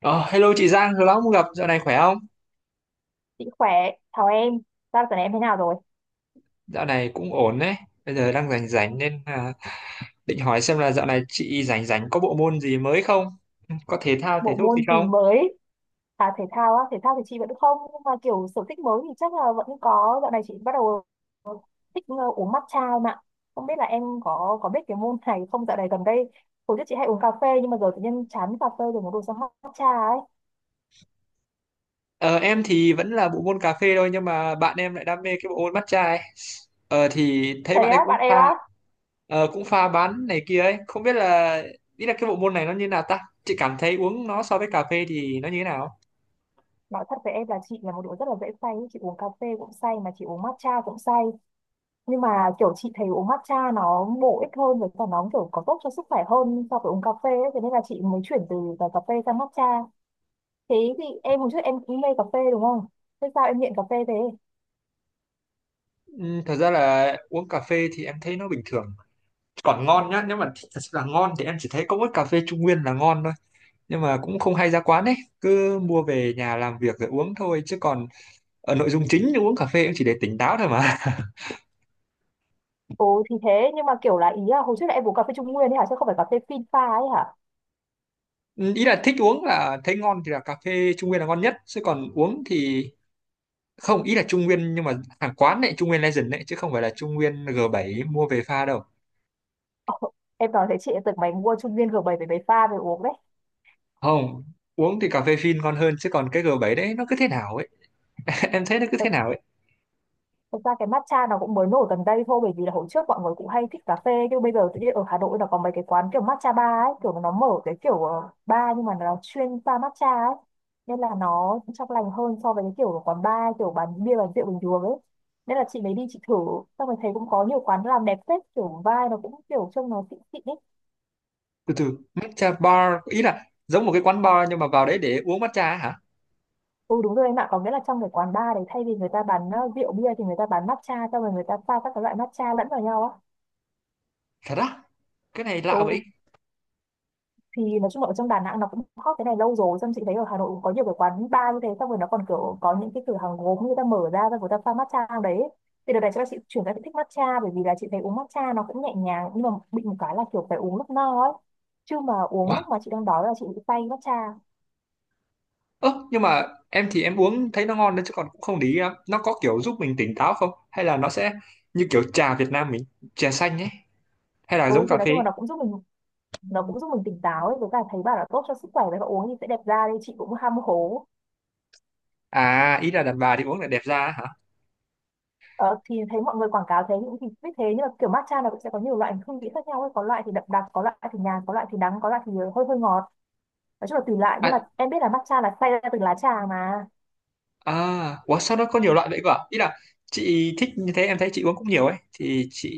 Ờ, Hello chị Giang, lâu lắm không gặp, dạo này khỏe không? Chị khỏe, chào em. Sao tuần này em thế nào rồi? Dạo này cũng ổn đấy, bây giờ đang rảnh rảnh định hỏi xem là dạo này chị rảnh rảnh có bộ môn gì mới không? Có thể Bộ thao gì môn gì không? mới? À thể thao á, thể thao thì chị vẫn không, nhưng mà kiểu sở thích mới thì chắc là vẫn có. Dạo này chị bắt đầu thích uống matcha em ạ. Không biết là em có biết cái môn này không? Dạo này gần đây, hồi trước chị hay uống cà phê nhưng mà giờ tự nhiên chán cà phê rồi muốn đổi sang matcha ấy. Ờ, em thì vẫn là bộ môn cà phê thôi nhưng mà bạn em lại đam mê cái bộ môn matcha ấy. Thì thấy Thế bạn ấy á, cũng bạn em á. pha bán này kia ấy, không biết là ý là cái bộ môn này nó như nào ta? Chị cảm thấy uống nó so với cà phê thì nó như thế nào? Nói thật với em là chị là một đứa rất là dễ say, chị uống cà phê cũng say mà chị uống matcha cũng say. Nhưng mà kiểu chị thấy uống matcha nó bổ ích hơn với cả nó kiểu có tốt cho sức khỏe hơn so với uống cà phê ấy. Thế nên là chị mới chuyển từ cả cà phê sang matcha. Thế thì em hồi trước em cũng mê cà phê đúng không? Thế sao em nghiện cà phê thế? Ừ, Thật ra là uống cà phê thì em thấy nó bình thường, còn ngon nhá, nếu mà thích thật sự là ngon thì em chỉ thấy có mỗi cà phê Trung Nguyên là ngon thôi, nhưng mà cũng không hay ra quán ấy, cứ mua về nhà làm việc rồi uống thôi, chứ còn ở nội dung chính uống cà phê cũng chỉ để tỉnh táo thôi mà. Ồ thì thế, nhưng mà kiểu là ý là hồi trước là em uống cà phê Trung Nguyên ấy hả, chứ không phải cà phê phin pha ấy hả? Ừ, Ý là thích uống là thấy ngon thì là cà phê Trung Nguyên là ngon nhất, chứ còn uống thì không, ý là Trung Nguyên nhưng mà hàng quán này, Trung Nguyên Legend đấy chứ không phải là Trung Nguyên G7 mua về pha đâu. Ồ, em nói thế chị lại tưởng mày mua Trung Nguyên G7 với mấy pha về uống đấy. Không, uống thì cà phê phin ngon hơn chứ còn cái G7 đấy nó cứ thế nào ấy. Em thấy nó cứ thế nào ấy. Thực ra cái matcha nó cũng mới nổi gần đây thôi, bởi vì là hồi trước mọi người cũng hay thích cà phê, nhưng bây giờ tự nhiên ở Hà Nội là có mấy cái quán kiểu matcha bar ấy, kiểu nó mở cái kiểu bar nhưng mà nó chuyên pha matcha ấy, nên là nó cũng trong lành hơn so với cái kiểu quán bar kiểu bán bia bán rượu bình thường ấy. Nên là chị mới đi chị thử, xong rồi thấy cũng có nhiều quán làm đẹp phết, kiểu vibe nó cũng kiểu trông nó xịn xịn ấy. Từ từ, matcha bar ý là giống một cái quán bar nhưng mà vào đấy để uống matcha á hả? Ừ đúng rồi em ạ, có nghĩa là trong cái quán bar đấy thay vì người ta bán rượu bia thì người ta bán matcha, xong rồi người ta pha các cái loại matcha lẫn vào nhau á. Thật á? Cái này lạ vậy. Ừ thì nói chung là ở trong Đà Nẵng nó cũng hot cái này lâu rồi, xong chị thấy ở Hà Nội cũng có nhiều cái quán bar như thế, xong rồi nó còn kiểu có những cái cửa hàng gốm người ta mở ra và người ta pha matcha trong đấy. Thì đợt này chắc là chị chuyển sang chị thích matcha, bởi vì là chị thấy uống matcha nó cũng nhẹ nhàng, nhưng mà bị một cái là kiểu phải uống lúc no ấy, chứ mà uống Wow. lúc mà chị đang đói là chị bị say matcha. Ơ nhưng mà em thì em uống thấy nó ngon đấy, chứ còn cũng không để ý lắm nó có kiểu giúp mình tỉnh táo không, hay là nó sẽ như kiểu trà Việt Nam mình, trà xanh ấy, hay là Ừ giống thì cà nói chung phê. là nó cũng giúp mình tỉnh táo ấy, với cả thấy bảo là tốt cho sức khỏe và uống thì sẽ đẹp da, đi chị cũng ham hố. À, ý là đàn bà thì uống lại đẹp da á hả? Ờ, thì thấy mọi người quảng cáo thế những thì biết thế, nhưng mà kiểu matcha nó cũng sẽ có nhiều loại hương vị khác nhau ấy. Có loại thì đậm đặc, có loại thì nhạt, có loại thì đắng, có loại thì hơi hơi ngọt. Nói chung là tùy loại, nhưng mà À, em biết là matcha là xay ra từ lá trà mà. à ủa sao nó có nhiều loại vậy cơ à? Ý là chị thích như thế, em thấy chị uống cũng nhiều ấy thì chị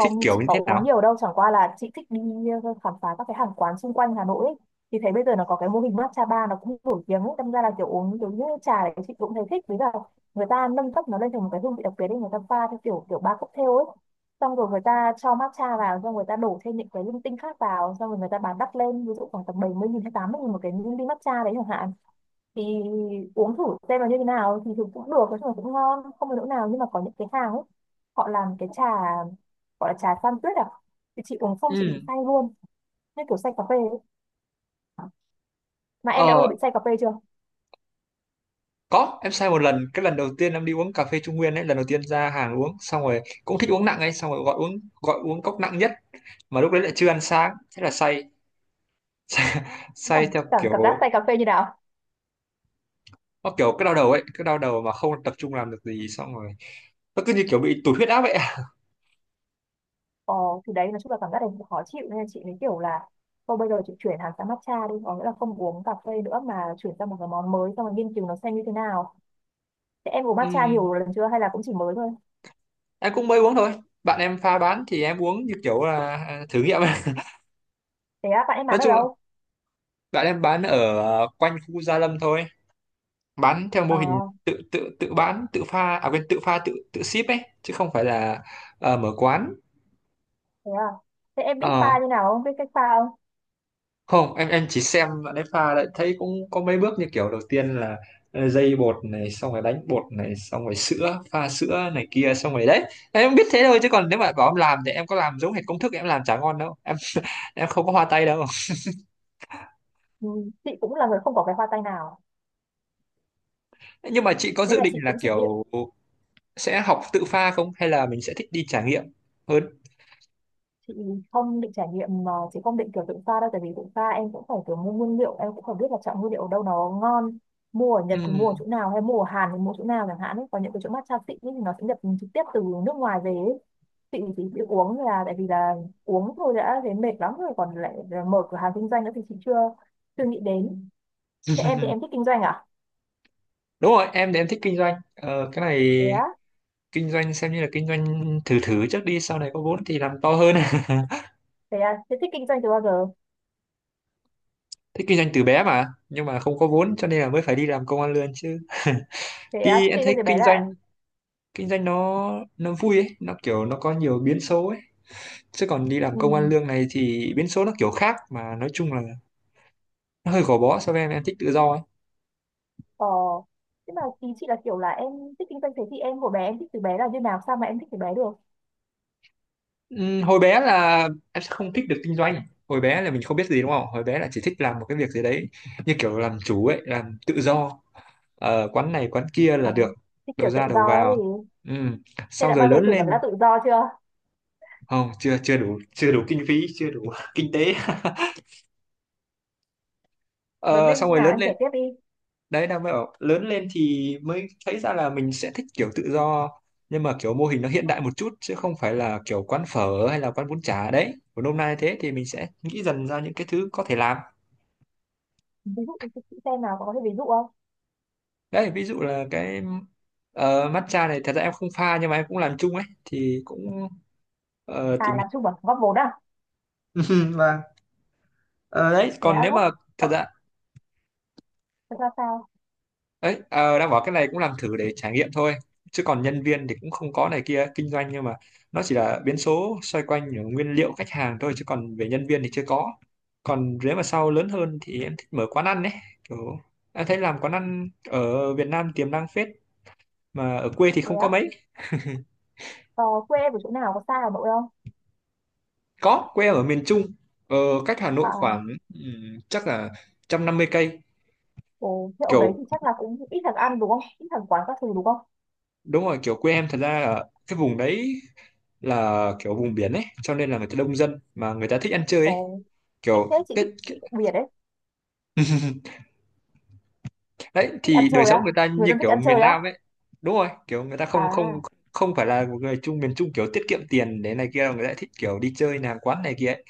thích kiểu chị như có thế uống nào? nhiều đâu, chẳng qua là chị thích đi khám phá các cái hàng quán xung quanh Hà Nội ấy. Thì thấy bây giờ nó có cái mô hình matcha bar nó cũng nổi tiếng ấy, đâm ra là kiểu uống kiểu như trà đấy chị cũng thấy thích. Với cả người ta nâng cấp nó lên thành một cái hương vị đặc biệt ấy, người ta pha theo kiểu kiểu ba cocktail ấy. Xong rồi người ta cho matcha vào, xong người ta đổ thêm những cái linh tinh khác vào, xong rồi người ta bán đắt lên, ví dụ khoảng tầm 70.000 hay 80.000 một cái ly matcha đấy chẳng hạn. Thì uống thử xem là như thế nào, thì thường cũng được, nói chung là cũng ngon không có chỗ nào, nhưng mà có những cái hàng ấy họ làm cái trà gọi là trà san tuyết à, thì chị uống xong chị bị Ừ. say luôn, như kiểu say cà phê ấy. Mà em đã bao giờ ờ. bị say cà phê chưa? Có, em sai một lần, cái lần đầu tiên em đi uống cà phê Trung Nguyên ấy, lần đầu tiên ra hàng uống, xong rồi cũng thích uống nặng ấy, xong rồi gọi uống cốc nặng nhất, mà lúc đấy lại chưa ăn sáng, thế là say, cảm, say, theo cảm, cảm giác kiểu say cà phê như nào? nó kiểu cái đau đầu ấy, cái đau đầu mà không tập trung làm được gì, xong rồi nó cứ như kiểu bị tụt huyết áp vậy. À. Ờ thì đấy, nói chung là cảm giác này cũng khó chịu, nên là chị mới kiểu là thôi bây giờ chị chuyển hẳn sang matcha đi, có nghĩa là không uống cà phê nữa mà chuyển sang một cái món mới xong rồi nghiên cứu nó xem như thế nào. Thế em uống matcha Ừm, nhiều lần chưa hay là cũng chỉ mới thôi? em cũng mới uống thôi, bạn em pha bán thì em uống như kiểu là thử nghiệm ấy. Thế á, bạn em Nói bán ở chung là đâu? bạn em bán ở quanh khu Gia Lâm thôi, bán theo Ờ. mô hình tự tự tự bán tự pha à quên tự pha tự tự ship ấy, chứ không phải là mở quán. Thế à? Thế em biết pha Ờ, như nào không? Biết cách pha không? Không, em chỉ xem bạn ấy pha lại thấy cũng có mấy bước như kiểu đầu tiên là dây bột này, xong rồi đánh bột này, xong rồi sữa, pha sữa này kia xong rồi đấy. Em biết thế thôi chứ còn nếu mà bảo em làm thì em có làm giống hệt công thức em làm chả ngon đâu em. Em không có hoa tay đâu. Ừ, chị cũng là người không có cái hoa tay nào. Nhưng mà chị có Nên dự là định chị là cũng chỉ biết, kiểu sẽ học tự pha không, hay là mình sẽ thích đi trải nghiệm hơn? chị không định trải nghiệm mà chị không định kiểu tự pha đâu. Tại vì tự pha em cũng phải kiểu mua nguyên liệu, em cũng phải biết là chọn nguyên liệu ở đâu nó ngon. Mua ở Nhật thì mua ở chỗ nào, hay mua ở Hàn thì mua chỗ nào chẳng hạn ấy. Còn những cái chỗ matcha xịn ấy thì nó sẽ nhập trực tiếp từ nước ngoài về ấy. Chị chỉ biết uống là tại vì là uống thôi đã thấy mệt lắm rồi. Còn lại là mở cửa hàng kinh doanh nữa thì chị chưa chưa nghĩ đến. Ừ. Thế em thì em thích kinh doanh à? Đúng rồi, em thì em thích kinh doanh cái này, Thế á, kinh doanh xem như là kinh doanh thử thử trước đi, sau này có vốn thì làm to hơn. thế à, thế thích kinh doanh từ bao giờ? Thích kinh doanh từ bé mà, nhưng mà không có vốn cho nên là mới phải đi làm công ăn lương chứ. Thế à, Đi thích em kinh thấy doanh từ bé kinh doanh, là kinh doanh nó nó vui ấy, nó kiểu nó có nhiều biến số ấy, chứ còn đi làm ừ. công ăn lương này thì biến số nó kiểu khác, mà nói chung là nó hơi gò bó so với em thích tự do ấy. ờ Thế mà ý chị là kiểu là em thích kinh doanh, thế thì em hồi bé em thích từ bé là như nào, sao mà em thích từ bé được? Hồi bé là em sẽ không thích được kinh doanh, hồi bé là mình không biết gì đúng không, hồi bé là chỉ thích làm một cái việc gì đấy như kiểu làm chủ ấy, làm tự do. Quán này quán kia là Ờ, được, thích đầu kiểu tự ra do đầu ấy vào. thì Ừm, thế Xong đã rồi bao giờ lớn thử cảm giác lên. tự do chưa? Không, chưa chưa đủ, chưa đủ kinh phí, chưa đủ kinh tế. Lớn Ờ, lên Xong như rồi nào lớn em kể lên, tiếp đi. đấy đang mới bảo lớn lên thì mới thấy ra là mình sẽ thích kiểu tự do, nhưng mà kiểu mô hình nó hiện đại một chút, chứ không phải là kiểu quán phở hay là quán bún chả đấy của hôm nay, thế thì mình sẽ nghĩ dần ra những cái thứ có thể làm. Ví dụ cho chị xem nào, có thể ví dụ không? Đấy ví dụ là matcha này, thật ra em không pha nhưng mà em cũng làm chung ấy, thì cũng À tìm hiểu. làm chung bằng góp vốn à? Và Ờ, đấy Thế còn á, nếu góp mà thật ờ, ra thật ra sao? đấy, đang bảo cái này cũng làm thử để trải nghiệm thôi, chứ còn nhân viên thì cũng không có này kia, kinh doanh nhưng mà nó chỉ là biến số xoay quanh ở nguyên liệu, khách hàng thôi chứ còn về nhân viên thì chưa có. Còn nếu mà sau lớn hơn thì em thích mở quán ăn đấy, kiểu em thấy làm quán ăn ở Việt Nam tiềm năng phết, mà ở quê thì Thế không có à, mấy. ờ, quê em ở chỗ nào, có xa Hà Nội không? Có, quê em ở miền Trung, ờ, cách Hà Nội À. khoảng chắc là 150 cây. Ồ thế ở đấy Kiểu thì chắc là cũng ít thằng ăn đúng không, ít thằng quán các thứ đúng không? đúng rồi, kiểu quê em thật ra là cái vùng đấy là kiểu vùng biển ấy, cho nên là người ta đông dân mà người ta thích ăn chơi ấy. Ồ thích Kiểu thế, chị thích, cái... chị đặc biệt đấy. Đấy Thích ăn thì đời chơi sống á? người ta Người như dân thích kiểu ăn miền chơi á? Nam ấy. Đúng rồi, kiểu người ta không không À. không phải là một người Trung, miền Trung kiểu tiết kiệm tiền để này kia, người ta thích kiểu đi chơi nàng quán này kia ấy.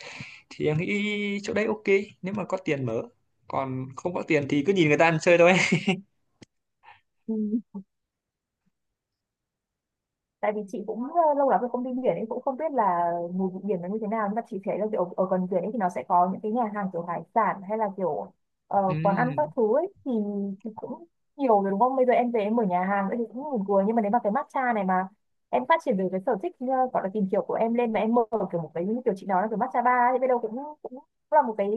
Thì em nghĩ chỗ đấy ok nếu mà có tiền mở. Còn không có tiền thì cứ nhìn người ta ăn chơi thôi. Ừ. Tại vì chị cũng lâu lắm rồi không đi biển nên cũng không biết là mùi vị biển nó như thế nào, nhưng mà chị thấy là kiểu ở gần biển ấy thì nó sẽ có những cái nhà hàng kiểu hải sản hay là kiểu quán ăn các Ừm. thứ ấy thì cũng nhiều rồi đúng không, bây giờ em về em mở nhà hàng nữa thì cũng buồn cười, nhưng mà nếu mà cái matcha này mà em phát triển được cái sở thích gọi là tìm hiểu của em lên mà em mở kiểu một cái như kiểu chị nói là kiểu matcha bar ấy, biết đâu cũng cũng là một cái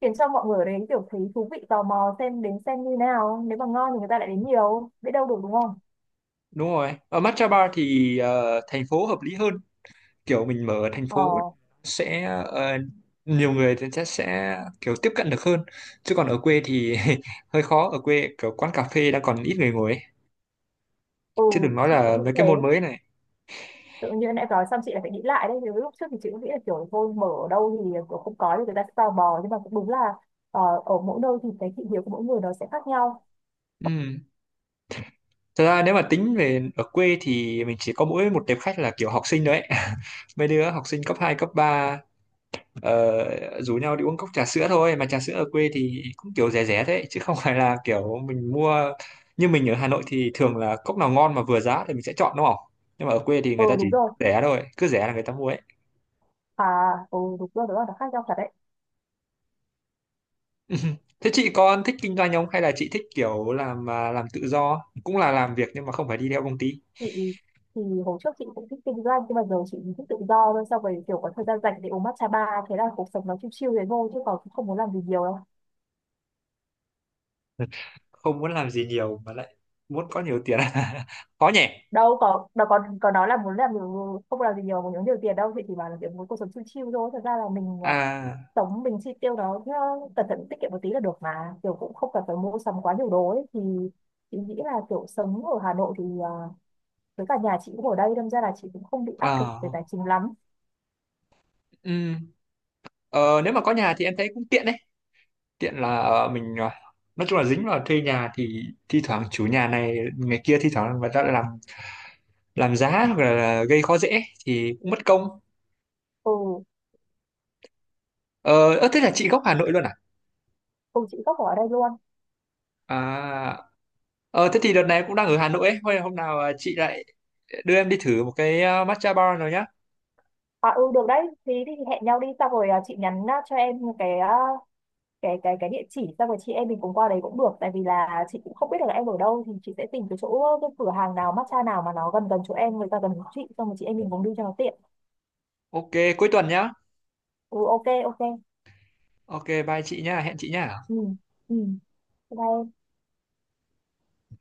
khiến cho mọi người ở đấy kiểu thấy thú vị tò mò xem đến xem như nào, nếu mà ngon thì người ta lại đến nhiều, biết đâu được đúng không? Đúng rồi, ở matcha bar thì thành phố hợp lý hơn, kiểu mình mở ở thành Ờ. phố sẽ nhiều người thì chắc sẽ kiểu tiếp cận được hơn, chứ còn ở quê thì hơi khó, ở quê kiểu quán cà phê đã còn ít người ngồi ấy, Ừ, chứ đừng nói chị cũng là nghĩ mấy cái môn thế. mới này. Tự nhiên nãy nói xong chị lại phải nghĩ lại đấy. Nếu lúc trước thì chị cũng nghĩ là kiểu thôi mở ở đâu thì kiểu không có thì người ta sẽ tò mò. Nhưng mà cũng đúng là ở mỗi nơi thì cái thị hiếu của mỗi người nó sẽ khác nhau. Ừ. Thật ra nếu mà tính về ở quê thì mình chỉ có mỗi một tệp khách là kiểu học sinh đấy, mấy đứa học sinh cấp 2 cấp 3 rủ nhau đi uống cốc trà sữa thôi, mà trà sữa ở quê thì cũng kiểu rẻ rẻ đấy chứ không phải là kiểu mình mua như mình ở Hà Nội thì thường là cốc nào ngon mà vừa giá thì mình sẽ chọn đúng không, nhưng mà ở quê thì Ừ người ta chỉ đúng rồi. rẻ thôi, cứ rẻ là người ta mua ấy. À, ừ đúng rồi, nó khác nhau thật đấy. Thế chị con thích kinh doanh không, hay là chị thích kiểu làm làm tự do cũng là làm việc nhưng mà không phải đi theo công ty? Chị thì hồi trước chị cũng thích kinh doanh, nhưng mà giờ chị thích tự do thôi. Sau rồi kiểu có thời gian rảnh để uống matcha bar. Thế là cuộc sống nó chill chill thế thôi, chứ còn cũng không muốn làm gì nhiều đâu. Không muốn làm gì nhiều mà lại muốn có nhiều tiền, khó nhỉ. Đâu có nói là muốn không làm gì nhiều, muốn kiếm nhiều tiền đâu. Chị chỉ bảo là kiểu muốn cuộc sống chill chill thôi. Thật ra là mình À. tổng mình chi tiêu đó nó cẩn thận tiết kiệm một tí là được, mà kiểu cũng không cần phải mua sắm quá nhiều đồ ấy, thì chị nghĩ là kiểu sống ở Hà Nội thì với cả nhà chị cũng ở đây, đâm ra là chị cũng không bị áp lực về tài À. chính lắm. Ừ. Nếu mà có nhà thì em thấy cũng tiện đấy, tiện là nói chung là dính vào thuê nhà thì thi thoảng chủ nhà này ngày kia, thi thoảng người ta lại làm giá hoặc là gây khó dễ thì cũng mất công. Ừ. Thế là chị gốc Hà Nội luôn à? Ừ chị gốc ở đây luôn. À. Ờ thế thì đợt này cũng đang ở Hà Nội ấy. Thôi hôm nào chị lại đưa em đi thử một cái matcha bar rồi nhá. À ừ được đấy thì, đi thì hẹn nhau đi xong rồi chị nhắn cho em cái cái địa chỉ, xong rồi chị em mình cùng qua đấy cũng được, tại vì là chị cũng không biết được là em ở đâu, thì chị sẽ tìm cái chỗ cái cửa hàng nào matcha nào mà nó gần gần chỗ em, người ta gần chỗ chị, xong rồi chị em mình cùng đi cho nó tiện. Ok, cuối tuần nhá. Ừ, ok ok. Ok, bye chị nhá, hẹn chị nhá. Ừ. Ừ. Đây.